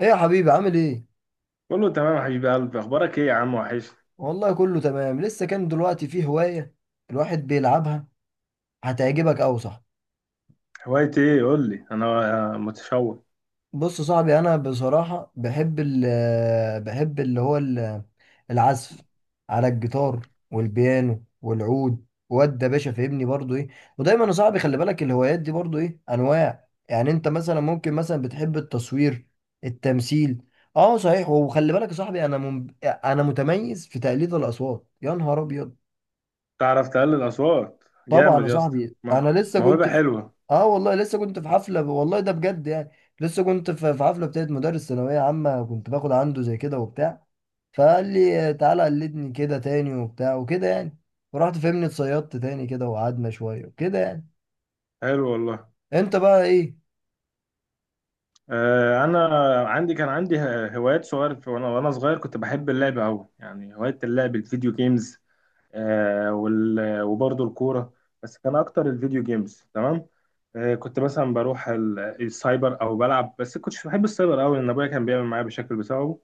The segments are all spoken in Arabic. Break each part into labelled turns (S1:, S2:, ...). S1: ايه يا حبيبي؟ عامل ايه؟
S2: قول له تمام يا حبيب قلبي، اخبارك ايه يا عم وحش؟
S1: والله كله تمام. لسه كان دلوقتي في هواية الواحد بيلعبها، هتعجبك اوي. صح،
S2: هوايتي ايه؟ قول لي، انا متشوق.
S1: بص يا صاحبي، انا بصراحة بحب ال بحب اللي هو ال- العزف على الجيتار والبيانو والعود، واد يا باشا، فاهمني برضو ايه. ودايما يا صاحبي، خلي بالك الهوايات دي برضو ايه انواع، يعني انت مثلا ممكن مثلا بتحب التصوير، التمثيل. اه صحيح، وخلي بالك يا صاحبي، انا انا متميز في تقليد الاصوات، يا نهار ابيض.
S2: تعرف تقلل اصوات
S1: طبعا يا
S2: جامد يا اسطى؟
S1: صاحبي، انا لسه
S2: موهبه
S1: كنت في،
S2: حلوه.
S1: اه والله لسه كنت في حفله، والله ده بجد يعني. لسه كنت في حفله بتاعت مدرس ثانويه عامه، كنت باخد عنده زي كده وبتاع، فقال لي تعالى قلدني كده تاني وبتاع وكده يعني، ورحت فهمني اتصيدت تاني كده وقعدنا شويه وكده يعني.
S2: حلو والله.
S1: انت بقى ايه؟
S2: انا كان عندي هوايات صغير وانا صغير كنت بحب اللعب قوي، يعني هوايه اللعب الفيديو جيمز. وبرضه الكوره. بس كان اكتر الفيديو جيمز. تمام. كنت مثلا بروح السايبر او بلعب، بس كنتش بحب السايبر قوي، لان ابويا كان بيعمل معايا بشكل بسببه.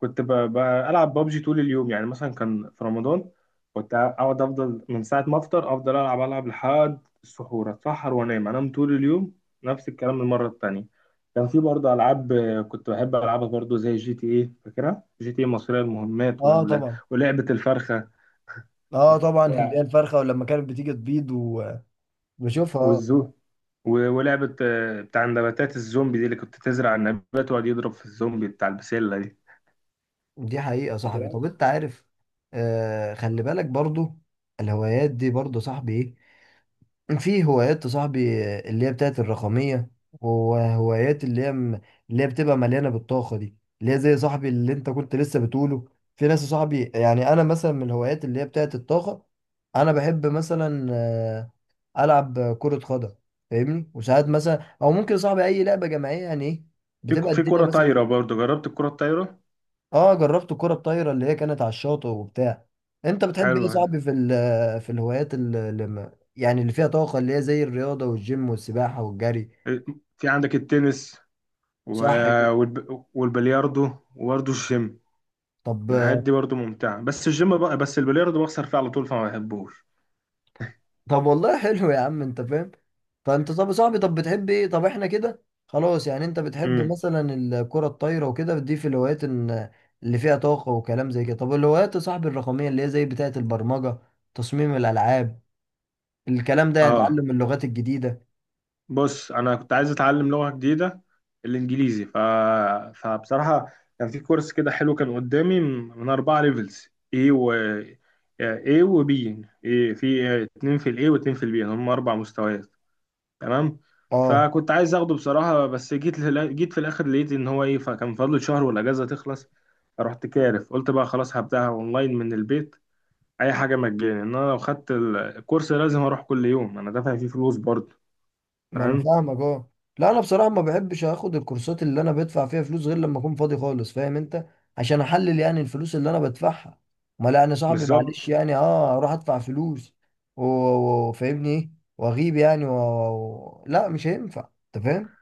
S2: كنت بلعب بابجي طول اليوم، يعني مثلا كان في رمضان. كنت اقعد افضل من ساعه ما افطر، افضل العب العب لحد السحور، اتسحر وانام انام طول اليوم. نفس الكلام المره التانيه. كان في برضه العاب، كنت بحب العبها برضه، زي جي تي ايه. فاكرها؟ جي تي ايه مصريه المهمات،
S1: اه طبعا.
S2: ولعبه الفرخه.
S1: اه طبعا اللي هي
S2: و-
S1: الفرخه، ولما كانت بتيجي تبيض وبشوفها، اه.
S2: والزو ولعبه بتاع نباتات الزومبي دي، اللي كنت تزرع النبات ويقعد يضرب في الزومبي، بتاع البسله دي.
S1: دي حقيقه يا صاحبي.
S2: فاكرها.
S1: طب انت عارف، آه، خلي بالك برضو الهوايات دي برضو يا صاحبي ايه، في هوايات يا صاحبي اللي هي بتاعت الرقمية، وهوايات اللي هي اللي هي بتبقى مليانة بالطاقة، دي اللي هي زي صاحبي اللي انت كنت لسه بتقوله. في ناس يا صاحبي، يعني انا مثلا من الهوايات اللي هي بتاعت الطاقة، انا بحب مثلا العب كرة قدم، فاهمني. وساعات مثلا، او ممكن يا صاحبي اي لعبة جماعية يعني ايه، بتبقى
S2: في
S1: الدنيا
S2: كره
S1: مثلا.
S2: طايره، برضه جربت الكره الطايره.
S1: اه جربت الكرة الطايرة اللي هي كانت على الشاطئ وبتاع. انت بتحب ايه يا
S2: حلوه ده.
S1: صاحبي في في الهوايات اللي اللي ما- يعني اللي فيها طاقة، اللي هي زي الرياضة والجيم والسباحة والجري.
S2: إيه، في عندك التنس و...
S1: صح كده.
S2: والبلياردو، وبرضه الجيم.
S1: طب،
S2: الحاجات دي برضه ممتعه، بس الجيم بقى، بس البلياردو بخسر فيه على طول فما بحبوش.
S1: طب والله حلو يا عم، انت فاهم. فانت طب يا صاحبي، طب بتحب ايه؟ طب احنا كده خلاص يعني، انت بتحب
S2: امم
S1: مثلا الكرة الطايرة وكده، دي في الهوايات اللي فيها طاقة وكلام زي كده. طب الهوايات يا صاحبي الرقمية، اللي هي زي بتاعة البرمجة، تصميم الألعاب، الكلام ده، يعني
S2: اه،
S1: تعلم اللغات الجديدة.
S2: بص. انا كنت عايز اتعلم لغه جديده، الانجليزي. فبصراحه كان في كورس كده حلو، كان قدامي من اربعه ليفلز. اي و اي وبي، إيه في اتنين في الاي واتنين في البي، هم اربع مستويات. تمام.
S1: اه،
S2: فكنت عايز اخده بصراحه، بس جيت في الاخر لقيت ان هو ايه، فكان فاضل شهر والاجازه تخلص. رحت كارف قلت بقى خلاص، هبداها اونلاين من البيت. اي حاجه مجاني، ان انا لو خدت الكورس لازم اروح كل يوم، انا دافع فيه فلوس برضه.
S1: ما انا
S2: تمام.
S1: فاهمك، اه. لا انا بصراحه ما بحبش اخد الكورسات اللي انا بدفع فيها فلوس غير لما اكون فاضي خالص، فاهم انت، عشان احلل يعني الفلوس اللي انا بدفعها. ما لا انا صاحبي
S2: بالظبط.
S1: معلش يعني، اه اروح ادفع فلوس وفاهمني ايه، واغيب يعني لا مش هينفع، انت فاهم.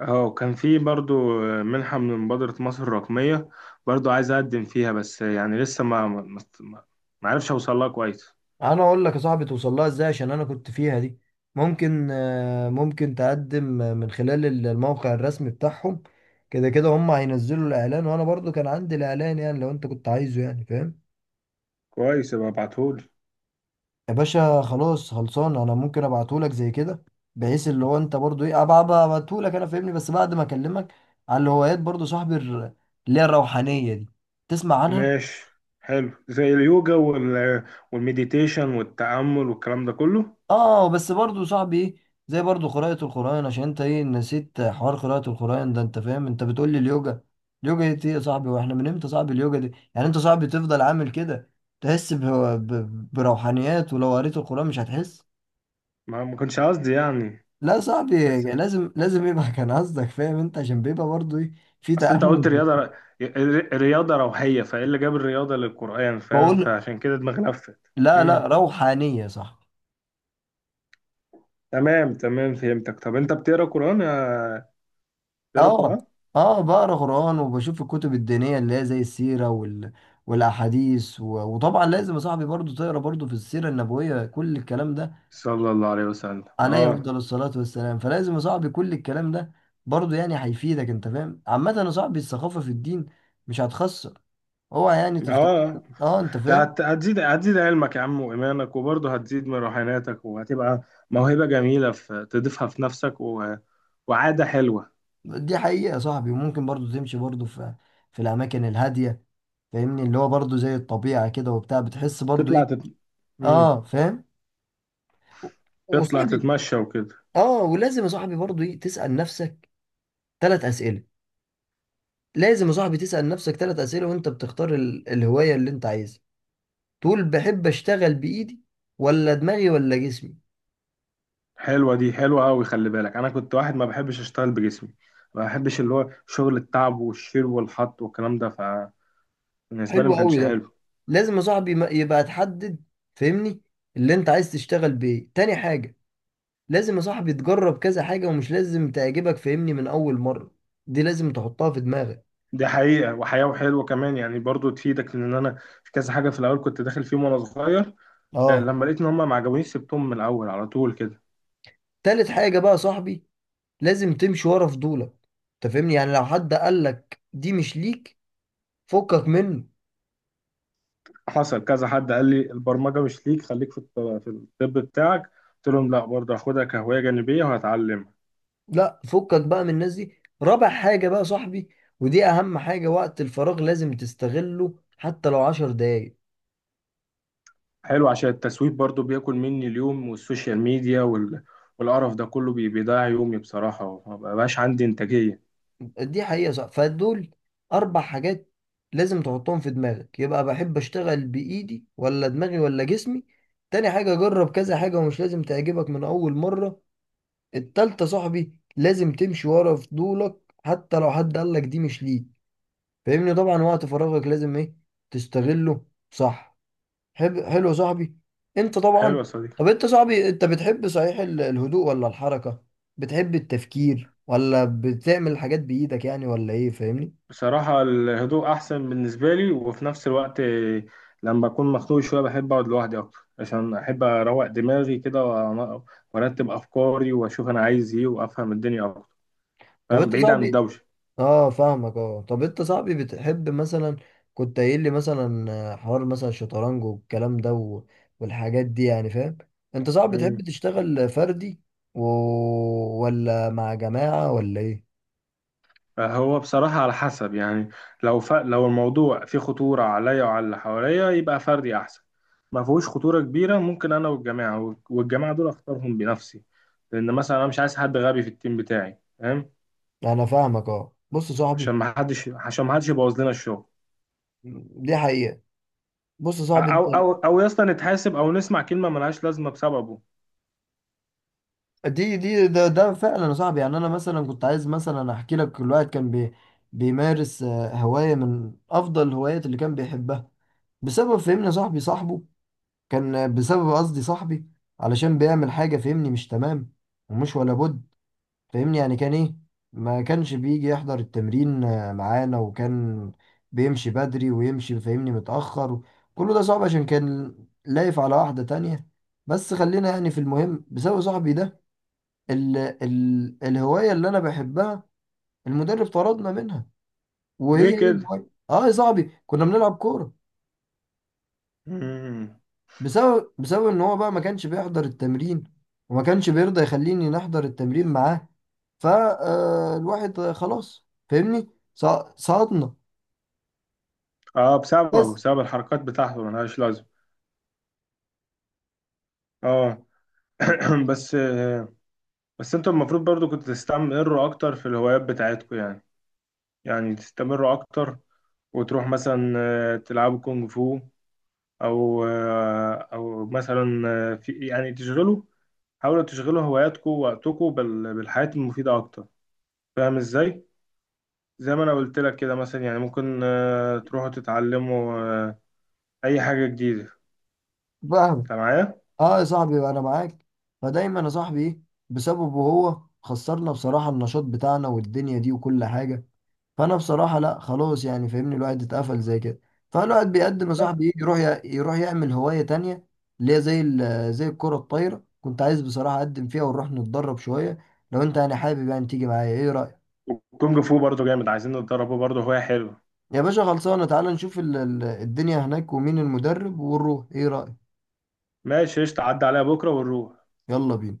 S2: اه، كان في برضو منحة من مبادرة مصر الرقمية، برضو عايز أقدم فيها، بس يعني لسه ما عرفش أوصل لها كويس.
S1: انا اقول لك يا صاحبي توصل لها ازاي، عشان انا كنت فيها دي. ممكن، آه، ممكن تقدم، آه، من خلال الموقع الرسمي بتاعهم. كده كده هم هينزلوا الاعلان، وانا برضو كان عندي الاعلان، يعني لو انت كنت عايزه يعني، فاهم.
S2: كويس، يبقى ابعتهولي.
S1: يا باشا خلاص، خلصان، انا ممكن ابعتهولك زي كده، بحيث اللي هو انت برضو ايه، أبقى ابعتهولك، انا فاهمني. بس بعد ما اكلمك على الهوايات برضو صاحبي اللي هي الروحانيه دي، تسمع عنها.
S2: ماشي. حلو، زي اليوجا والمديتيشن والتأمل والكلام ده كله.
S1: اه، بس برضو صاحبي ايه، زي برضو قراءه القران، عشان انت ايه نسيت حوار قراءه القران ده. انت فاهم انت بتقول لي اليوجا، اليوجا دي ايه يا صاحبي؟ واحنا من امتى صاحبي اليوجا دي؟ يعني انت صاحبي تفضل عامل كده، تحس بروحانيات، ولو قريت القران مش هتحس؟
S2: ما كنتش قصدي يعني.
S1: لا صاحبي،
S2: بس
S1: لازم يبقى كان قصدك، فاهم انت، عشان بيبقى برضه ايه في
S2: أصل أنت
S1: تأمل.
S2: قلت رياضة، رياضة روحية، فإيه اللي جاب الرياضة للقرآن؟ فاهم؟
S1: بقول
S2: فعشان كده دماغي لفت.
S1: لا
S2: مم.
S1: روحانية، صح.
S2: تمام تمام، فهمتك. طب أنت بتقرأ قرآن يا... بتقرأ
S1: اه،
S2: قرآن؟
S1: اه بقرا قرآن وبشوف الكتب الدينية اللي هي زي السيرة وال والأحاديث و... وطبعا لازم يا صاحبي برضه تقرا برضه في السيرة النبوية كل الكلام ده
S2: صلى الله عليه وسلم.
S1: عليه
S2: اه.
S1: أفضل الصلاة والسلام فلازم يا صاحبي كل الكلام ده برضه يعني هيفيدك انت فاهم عامة يا صاحبي الثقافة في الدين مش هتخسر اوعى يعني تفتكر
S2: اه،
S1: اه انت
S2: ده
S1: فاهم
S2: هتزيد علمك يا عم وإيمانك، وبرضه هتزيد من روحانيتك، وهتبقى موهبة جميلة في تضيفها في نفسك، وعادة حلوة.
S1: دي حقيقة يا صاحبي وممكن برضو تمشي برضو في في الأماكن الهادية فاهمني اللي هو برضو زي الطبيعة كده وبتاع بتحس برضو إيه
S2: تطلع تت... مم.
S1: آه فاهم و-
S2: تطلع
S1: وصاحبي
S2: تتمشى وكده.
S1: آه، ولازم يا صاحبي برضو إيه تسأل نفسك ثلاث أسئلة. لازم يا صاحبي تسأل نفسك ثلاث أسئلة وأنت بتختار الهواية اللي أنت عايزها. تقول بحب أشتغل بإيدي ولا دماغي ولا جسمي.
S2: حلوة دي، حلوة أوي. خلي بالك، أنا كنت واحد ما بحبش أشتغل بجسمي، ما بحبش اللي هو شغل التعب والشيل والحط والكلام ده. فبالنسبة لي
S1: حلو
S2: ما
S1: قوي
S2: كانش
S1: ده.
S2: حلو.
S1: لازم يا صاحبي يبقى تحدد، فاهمني، اللي أنت عايز تشتغل بإيه. تاني حاجة، لازم يا صاحبي تجرب كذا حاجة ومش لازم تعجبك، فاهمني، من أول مرة. دي لازم تحطها في دماغك.
S2: دي حقيقة وحياة، وحلوة كمان يعني، برضه تفيدك. لأن أنا في كذا حاجة في الأول كنت داخل فيهم وأنا صغير،
S1: اه،
S2: لما لقيت ان هم ما عجبونيش، سبتهم من الاول على طول كده.
S1: تالت حاجة بقى يا صاحبي، لازم تمشي ورا فضولك. انت فاهمني، يعني لو حد قالك دي مش ليك، فكك منه.
S2: حصل كذا حد قال لي البرمجه مش ليك، خليك في الطب بتاعك. قلت لهم لا، برضه هاخدها كهوايه جانبيه وهتعلمها.
S1: لا فكك بقى من الناس دي. رابع حاجة بقى يا صاحبي، ودي أهم حاجة، وقت الفراغ لازم تستغله حتى لو عشر دقايق.
S2: حلو، عشان التسويق برضه بياكل مني اليوم، والسوشيال ميديا والقرف ده كله بيضيع يومي بصراحه، وما بقاش عندي انتاجيه.
S1: دي حقيقة، صح. فدول أربع حاجات لازم تحطهم في دماغك. يبقى بحب أشتغل بإيدي ولا دماغي ولا جسمي. تاني حاجة، جرب كذا حاجة ومش لازم تعجبك من أول مرة. التالتة صاحبي لازم تمشي ورا فضولك حتى لو حد قالك دي مش ليك، فاهمني. طبعا وقت فراغك لازم إيه تستغله، صح. حب حلو يا صاحبي، أنت
S2: حلو
S1: طبعا.
S2: يا صديقي.
S1: طب أنت صاحبي، أنت بتحب صحيح الهدوء ولا الحركة؟ بتحب التفكير ولا بتعمل الحاجات بإيدك يعني ولا إيه، فاهمني.
S2: بصراحة الهدوء أحسن بالنسبة لي، وفي نفس الوقت لما أكون مخنوق شوية بحب أقعد لوحدي أكتر، عشان أحب أروق دماغي كده، وأرتب أفكاري، وأشوف أنا عايز إيه، وأفهم الدنيا أكتر.
S1: طب
S2: فاهم؟
S1: انت
S2: بعيد عن
S1: صاحبي،
S2: الدوشة.
S1: اه فاهمك، اه. طب انت صاحبي بتحب مثلا، كنت قايل لي مثلا، آه، حوار مثلا الشطرنج والكلام ده و... والحاجات دي يعني، فاهم. انت صاحبي بتحب
S2: مم.
S1: تشتغل فردي و... ولا مع جماعة ولا ايه؟
S2: فهو بصراحة على حسب يعني، لو الموضوع فيه خطورة عليا وعلى اللي حواليا، يبقى فردي أحسن. ما فيهوش خطورة كبيرة، ممكن أنا والجماعة، دول أختارهم بنفسي، لأن مثلا أنا مش عايز حد غبي في التيم بتاعي، فاهم؟
S1: انا فاهمك، اه. بص يا
S2: عشان
S1: صاحبي،
S2: ما حدش عشان ما حدش يبوظ لنا الشغل.
S1: دي حقيقة. بص يا صاحبي،
S2: او
S1: انت
S2: او او يا اسطى نتحاسب، او نسمع كلمه ملهاش لازمه بسببه.
S1: ده فعلا يا صاحبي. يعني انا مثلا كنت عايز مثلا احكي لك، كل واحد كان بيمارس، آه، هواية من افضل الهوايات اللي كان بيحبها، بسبب فهمنا صاحبي صاحبه، كان بسبب قصدي صاحبي، علشان بيعمل حاجة فهمني مش تمام ومش ولا بد، فهمني يعني كان ايه، ما كانش بيجي يحضر التمرين، آه، معانا، وكان بيمشي بدري ويمشي فهمني متأخر. كله ده صعب عشان كان لايف على واحدة تانية. بس خلينا يعني في المهم، بسبب صاحبي ده، ال الهواية اللي انا بحبها المدرب طردنا منها. وهي
S2: ليه
S1: ايه
S2: كده؟
S1: الهواية؟ اه يا صاحبي كنا بنلعب كورة.
S2: مم.
S1: بسبب ان هو بقى ما كانش بيحضر التمرين، وما كانش بيرضى يخليني نحضر التمرين معاه، فالواحد خلاص فاهمني سقطنا.
S2: اه، بسببه،
S1: بس
S2: بسبب الحركات بتاعته ملهاش لازمه. اه. بس، بس انتوا المفروض برضو كنتوا تستمروا اكتر في الهوايات بتاعتكم، يعني تستمروا اكتر. وتروح مثلا تلعبوا كونغ فو، او مثلا في يعني تشغلوا، حاولوا تشغلوا هواياتكم ووقتكم بالحياة المفيدة اكتر. فاهم ازاي؟ زي ما انا قلت لك كده مثلا، يعني ممكن تروحوا تتعلموا آه، اي حاجه جديده.
S1: فاهم.
S2: انت معايا؟
S1: اه يا صاحبي انا معاك. فدايما يا صاحبي ايه، بسببه هو خسرنا بصراحة النشاط بتاعنا والدنيا دي وكل حاجة. فانا بصراحه لا خلاص يعني، فاهمني، الواحد اتقفل زي كده. فالواحد بيقدم يا
S2: لا،
S1: صاحبي، يجي يروح يروح يعمل هوايه تانية، اللي هي زي زي الكره الطايره، كنت عايز بصراحه اقدم فيها ونروح نتدرب شويه. لو انت يعني حابب يعني تيجي معايا، ايه رايك؟
S2: وكونج فو برضو جامد، عايزين نتدربه، برضو هوايه حلوه.
S1: يا باشا خلصانه، تعالى نشوف الدنيا هناك ومين المدرب ونروح، ايه رايك؟
S2: ماشي، قشطة، عدى عليها بكره ونروح.
S1: يلا بينا.